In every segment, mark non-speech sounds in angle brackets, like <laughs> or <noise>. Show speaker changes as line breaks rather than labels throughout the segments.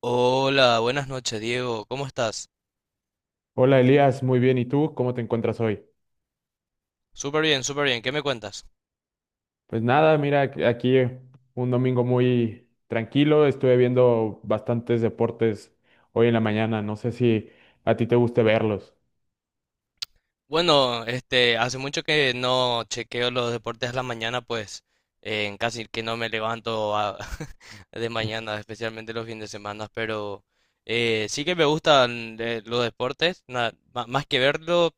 Hola, buenas noches, Diego. ¿Cómo estás?
Hola Elías, muy bien. ¿Y tú? ¿Cómo te encuentras hoy?
Súper bien, súper bien. ¿Qué me cuentas?
Pues nada, mira, aquí un domingo muy tranquilo. Estuve viendo bastantes deportes hoy en la mañana. No sé si a ti te guste verlos.
Bueno, hace mucho que no chequeo los deportes a la mañana, pues en casi que no me levanto <laughs> de mañana, especialmente los fines de semana, pero sí que me gustan los deportes, más que verlo,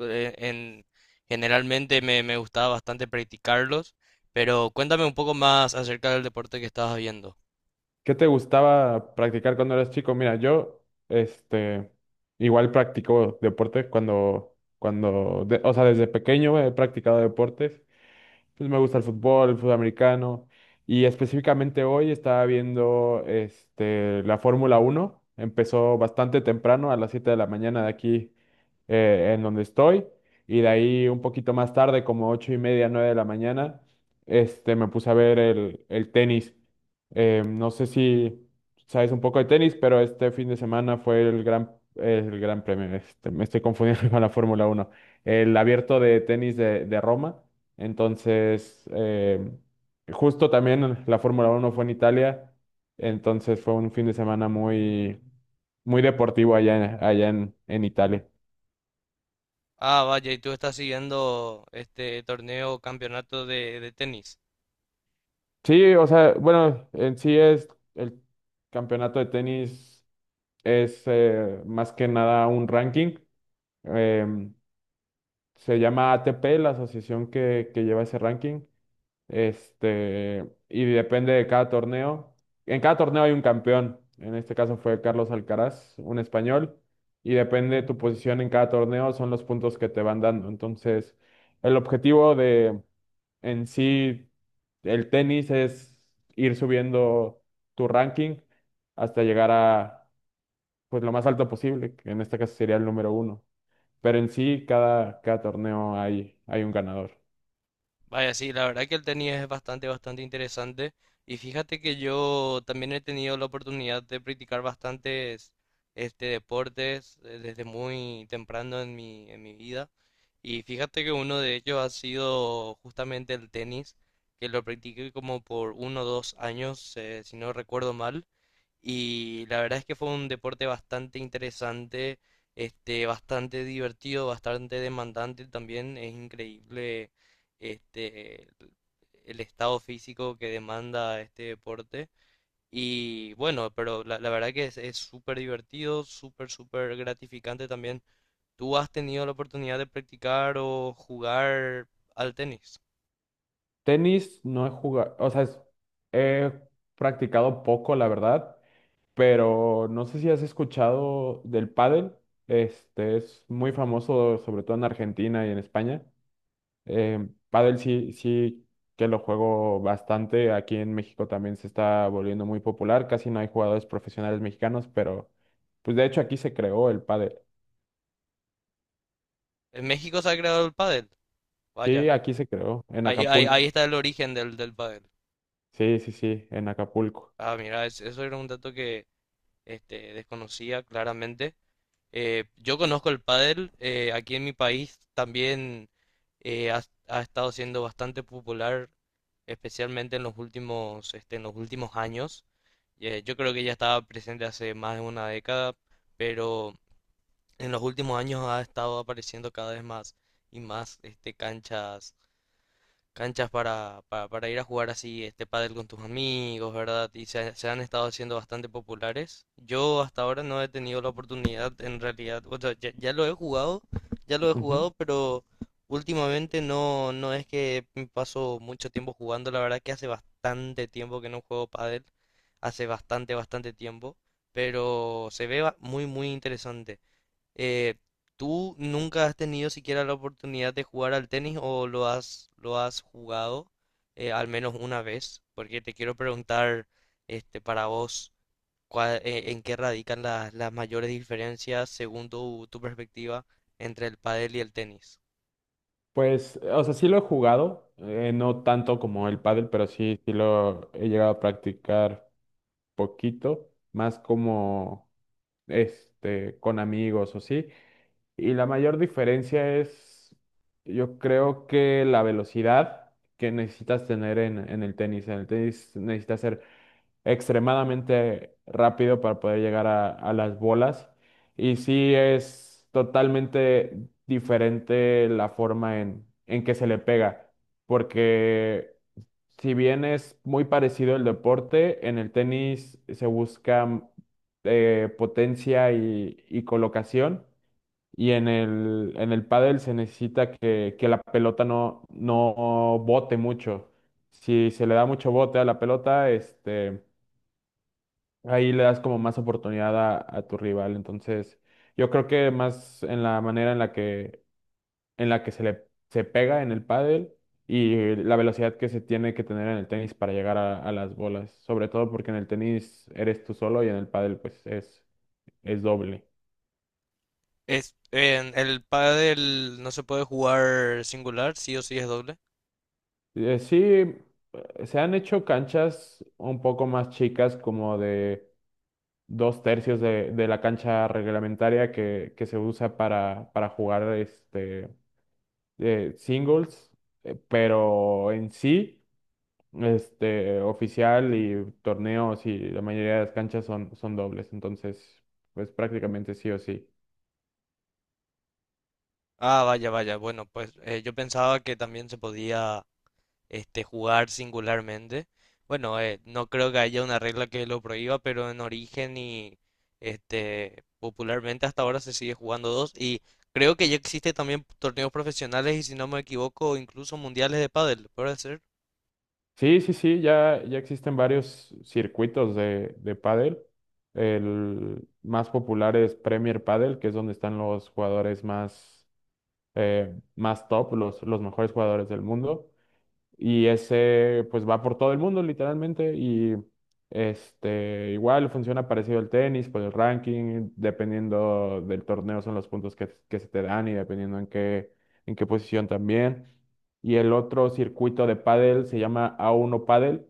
eh, en, generalmente me gustaba bastante practicarlos, pero cuéntame un poco más acerca del deporte que estabas viendo.
¿Qué te gustaba practicar cuando eras chico? Mira, yo, este, igual practico deporte cuando, o sea, desde pequeño he practicado deportes. Pues me gusta el fútbol americano. Y específicamente hoy estaba viendo la Fórmula 1. Empezó bastante temprano, a las 7 de la mañana de aquí en donde estoy. Y de ahí un poquito más tarde, como 8:30, 9 de la mañana, me puse a ver el tenis. No sé si sabes un poco de tenis, pero este fin de semana fue el gran premio. Me estoy confundiendo <laughs> con la Fórmula 1. El abierto de tenis de Roma. Entonces, justo también la Fórmula 1 fue en Italia. Entonces fue un fin de semana muy, muy deportivo allá, allá en Italia.
Ah, vaya, ¿y tú estás siguiendo este torneo, campeonato de tenis?
Sí, o sea, bueno, en sí es el campeonato de tenis, es más que nada un ranking. em, Se llama ATP, la asociación que lleva ese ranking. Y depende de cada torneo. En cada torneo hay un campeón. En este caso fue Carlos Alcaraz, un español. Y depende de tu posición en cada torneo, son los puntos que te van dando. Entonces, el objetivo en sí, el tenis es ir subiendo tu ranking hasta llegar a pues lo más alto posible, que en este caso sería el número 1. Pero en sí, cada torneo hay un ganador.
Vaya, sí, la verdad que el tenis es bastante, bastante interesante. Y fíjate que yo también he tenido la oportunidad de practicar bastantes deportes desde muy temprano en en mi vida. Y fíjate que uno de ellos ha sido justamente el tenis, que lo practiqué como por uno o dos años, si no recuerdo mal. Y la verdad es que fue un deporte bastante interesante, bastante divertido, bastante demandante también. Es increíble este, el estado físico que demanda este deporte. Y bueno, pero la verdad que es súper divertido, súper, súper gratificante también. ¿Tú has tenido la oportunidad de practicar o jugar al tenis?
Tenis no he jugado, o sea, he practicado poco, la verdad, pero no sé si has escuchado del pádel. Este es muy famoso, sobre todo en Argentina y en España. Eh, Pádel sí, sí que lo juego bastante. Aquí en México también se está volviendo muy popular. Casi no hay jugadores profesionales mexicanos, pero pues de hecho aquí se creó el pádel.
¿En México se ha creado el pádel?
Sí,
Vaya,
aquí se creó, en
ahí, ahí, ahí
Acapulco.
está el origen del, del pádel.
Sí, sí, sí, en Acapulco.
Ah, mira, eso era un dato que desconocía claramente. Yo conozco el pádel, aquí en mi país también eh, ha, ha estado siendo bastante popular, especialmente en los últimos, este, en los últimos años. Yo creo que ya estaba presente hace más de una década, pero en los últimos años ha estado apareciendo cada vez más y más este, canchas para ir a jugar así este pádel con tus amigos, ¿verdad? Y se han estado haciendo bastante populares. Yo hasta ahora no he tenido la oportunidad, en realidad, o sea, ya lo he jugado, ya lo he
Ujú.
jugado, pero últimamente no, no es que paso mucho tiempo jugando, la verdad que hace bastante tiempo que no juego pádel, hace bastante, bastante tiempo, pero muy, muy interesante. Eh, ¿Tú nunca has tenido siquiera la oportunidad de jugar al tenis o lo has jugado al menos una vez? Porque te quiero preguntar, este, para vos, ¿en qué radican las mayores diferencias según tu perspectiva entre el pádel y el tenis?
Pues, o sea, sí lo he jugado, no tanto como el pádel, pero sí, sí lo he llegado a practicar poquito, más como con amigos o sí. Y la mayor diferencia es, yo creo que la velocidad que necesitas tener en el tenis. En el tenis necesitas ser extremadamente rápido para poder llegar a las bolas. Y sí es totalmente diferente la forma en que se le pega. Porque si bien es muy parecido el deporte, en el tenis se busca potencia y colocación y en el pádel se necesita que la pelota no bote mucho. Si se le da mucho bote a la pelota, ahí le das como más oportunidad a tu rival. Entonces, yo creo que más en la manera en la que se pega en el pádel y la velocidad que se tiene que tener en el tenis para llegar a las bolas. Sobre todo porque en el tenis eres tú solo y en el pádel pues es doble.
Es, en el pádel no se puede jugar singular, sí o sí es doble.
Sí, se han hecho canchas un poco más chicas, como de dos tercios de la cancha reglamentaria que se usa para jugar singles, pero en sí, oficial y torneos y la mayoría de las canchas son dobles, entonces, pues prácticamente sí o sí.
Ah, vaya, vaya. Bueno, pues yo pensaba que también se podía jugar singularmente. Bueno, no creo que haya una regla que lo prohíba, pero en origen y popularmente hasta ahora se sigue jugando dos. Y creo que ya existe también torneos profesionales y si no me equivoco, incluso mundiales de pádel, ¿puede ser?
Sí, sí, sí, ya existen varios circuitos de pádel. El más popular es Premier Padel, que es donde están los jugadores más top, los mejores jugadores del mundo. Y ese pues va por todo el mundo literalmente y igual funciona parecido al tenis por el ranking, dependiendo del torneo son los puntos que se te dan y dependiendo en qué posición también. Y el otro circuito de pádel se llama A1 Pádel.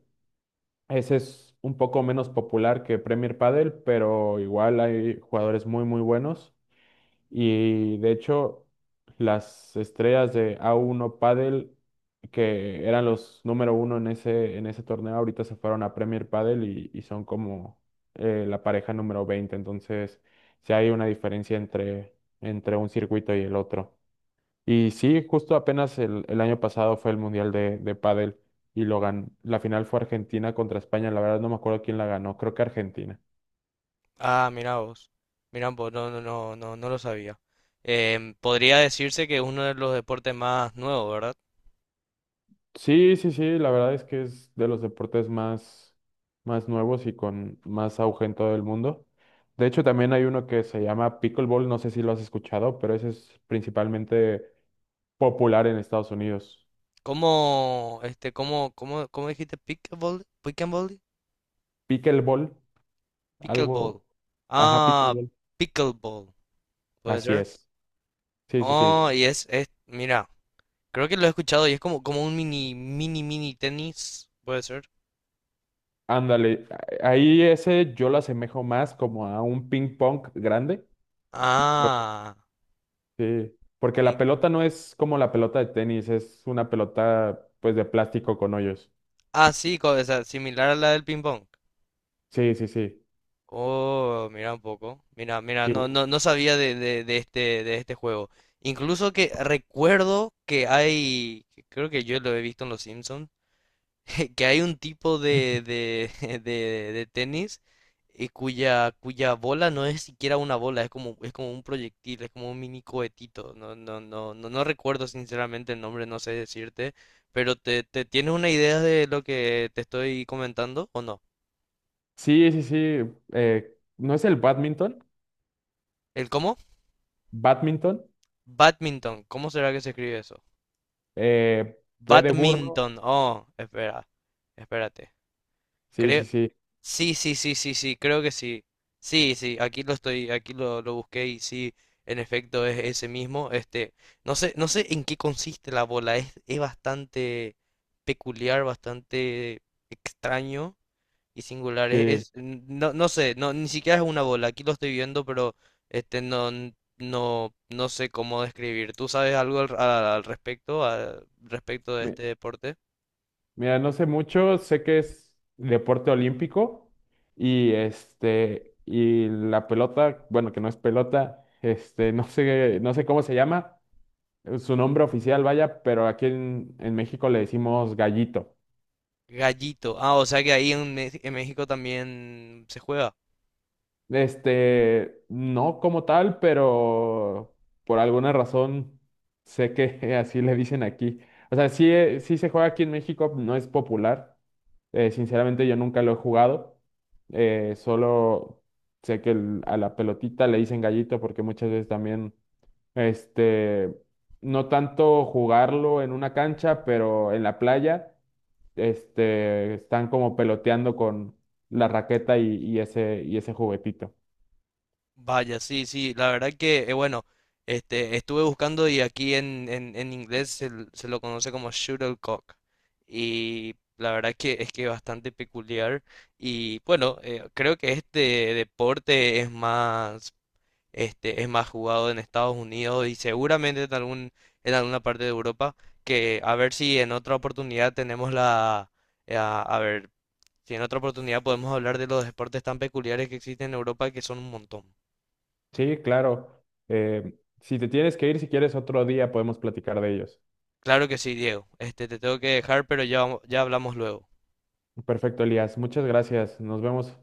Ese es un poco menos popular que Premier Pádel, pero igual hay jugadores muy muy buenos. Y de hecho, las estrellas de A1 Padel, que eran los número 1 en ese torneo, ahorita se fueron a Premier Padel y son como la pareja número 20. Entonces, sí hay una diferencia entre, entre un circuito y el otro. Y sí, justo apenas el año pasado fue el Mundial de Padel y la final fue Argentina contra España. La verdad no me acuerdo quién la ganó, creo que Argentina.
Ah, mira vos. Mira vos, no, no, no, no, no lo sabía. Em, podría decirse que es uno de los deportes más nuevos, ¿verdad?
Sí, sí, sí, la verdad es que es de los deportes más nuevos y con más auge en todo el mundo. De hecho, también hay uno que se llama pickleball, no sé si lo has escuchado, pero ese es principalmente popular en Estados Unidos.
¿Cómo, este, cómo, cómo, cómo dijiste? ¿Pickleball? ¿Pickleball?
Pickleball,
Pickleball.
algo, ajá,
Ah,
pickleball.
pickleball. ¿Puede
Así
ser?
es. Sí, sí, sí.
Oh, y es, mira, creo que lo he escuchado y es como, como un mini, mini, mini tenis. ¿Puede ser?
Ándale, ahí ese yo lo asemejo más como a un ping pong grande. Por-
Ah,
Sí. Porque la
sí,
pelota no es como la pelota de tenis, es una pelota pues de plástico con hoyos.
ah, sí, co- o sea, similar a la del ping pong.
Sí, sí, sí.
Oh, mira un poco. Mira, mira,
Y
no, no, no sabía de este juego. Incluso que recuerdo que hay, que creo que yo lo he visto en los Simpsons <laughs> que hay un tipo de, <laughs> de tenis cuya, cuya bola no es siquiera una bola, es como un proyectil, es como un mini cohetito. No, no, no, no, no recuerdo sinceramente el nombre, no sé decirte, pero te tienes una idea de lo que te estoy comentando o no.
sí, sí, sí. ¿No es el badminton?
¿El cómo?
Badminton.
Badminton, ¿cómo será que se escribe eso?
Eh, B de burro.
Badminton. Badminton, oh, espera, espérate.
Sí, sí,
Creo,
sí.
sí, sí, sí, sí, sí, creo que sí. Sí, sí, aquí lo estoy, aquí lo busqué y sí, en efecto es ese mismo. Este, no sé, no sé en qué consiste la bola, es bastante peculiar, bastante extraño y singular.
Sí.
No, no sé, no, ni siquiera es una bola, aquí lo estoy viendo, pero no, no sé cómo describir. ¿Tú sabes algo al respecto de
Mi-
este deporte?
Mira, no sé mucho. Sé que es deporte olímpico. Y la pelota, bueno, que no es pelota, <laughs> no sé, cómo se llama, su nombre oficial, vaya, pero aquí en México le decimos gallito.
Gallito. Ah, o sea que ahí en México también se juega.
No como tal, pero por alguna razón sé que <laughs> así le dicen aquí. O sea, sí, sí se juega aquí en México, no es popular. Sinceramente yo nunca lo he jugado. Solo sé que a la pelotita le dicen gallito porque muchas veces también, este, no tanto jugarlo en una cancha, pero en la playa, están como peloteando con la raqueta y ese juguetito.
Vaya, sí, sí, la verdad que, bueno, este, estuve buscando y aquí en inglés se lo conoce como shuttlecock. Y la verdad que es bastante peculiar. Y bueno, creo que este deporte es más, este, es más jugado en Estados Unidos y seguramente en algún, en alguna parte de Europa, que a ver si en otra oportunidad tenemos la, a ver, si en otra oportunidad podemos hablar de los deportes tan peculiares que existen en Europa, que son un montón.
Sí, claro. Si te tienes que ir, si quieres otro día podemos platicar de ellos.
Claro que sí, Diego. Este, te tengo que dejar, pero ya, ya hablamos luego.
Perfecto, Elías. Muchas gracias. Nos vemos.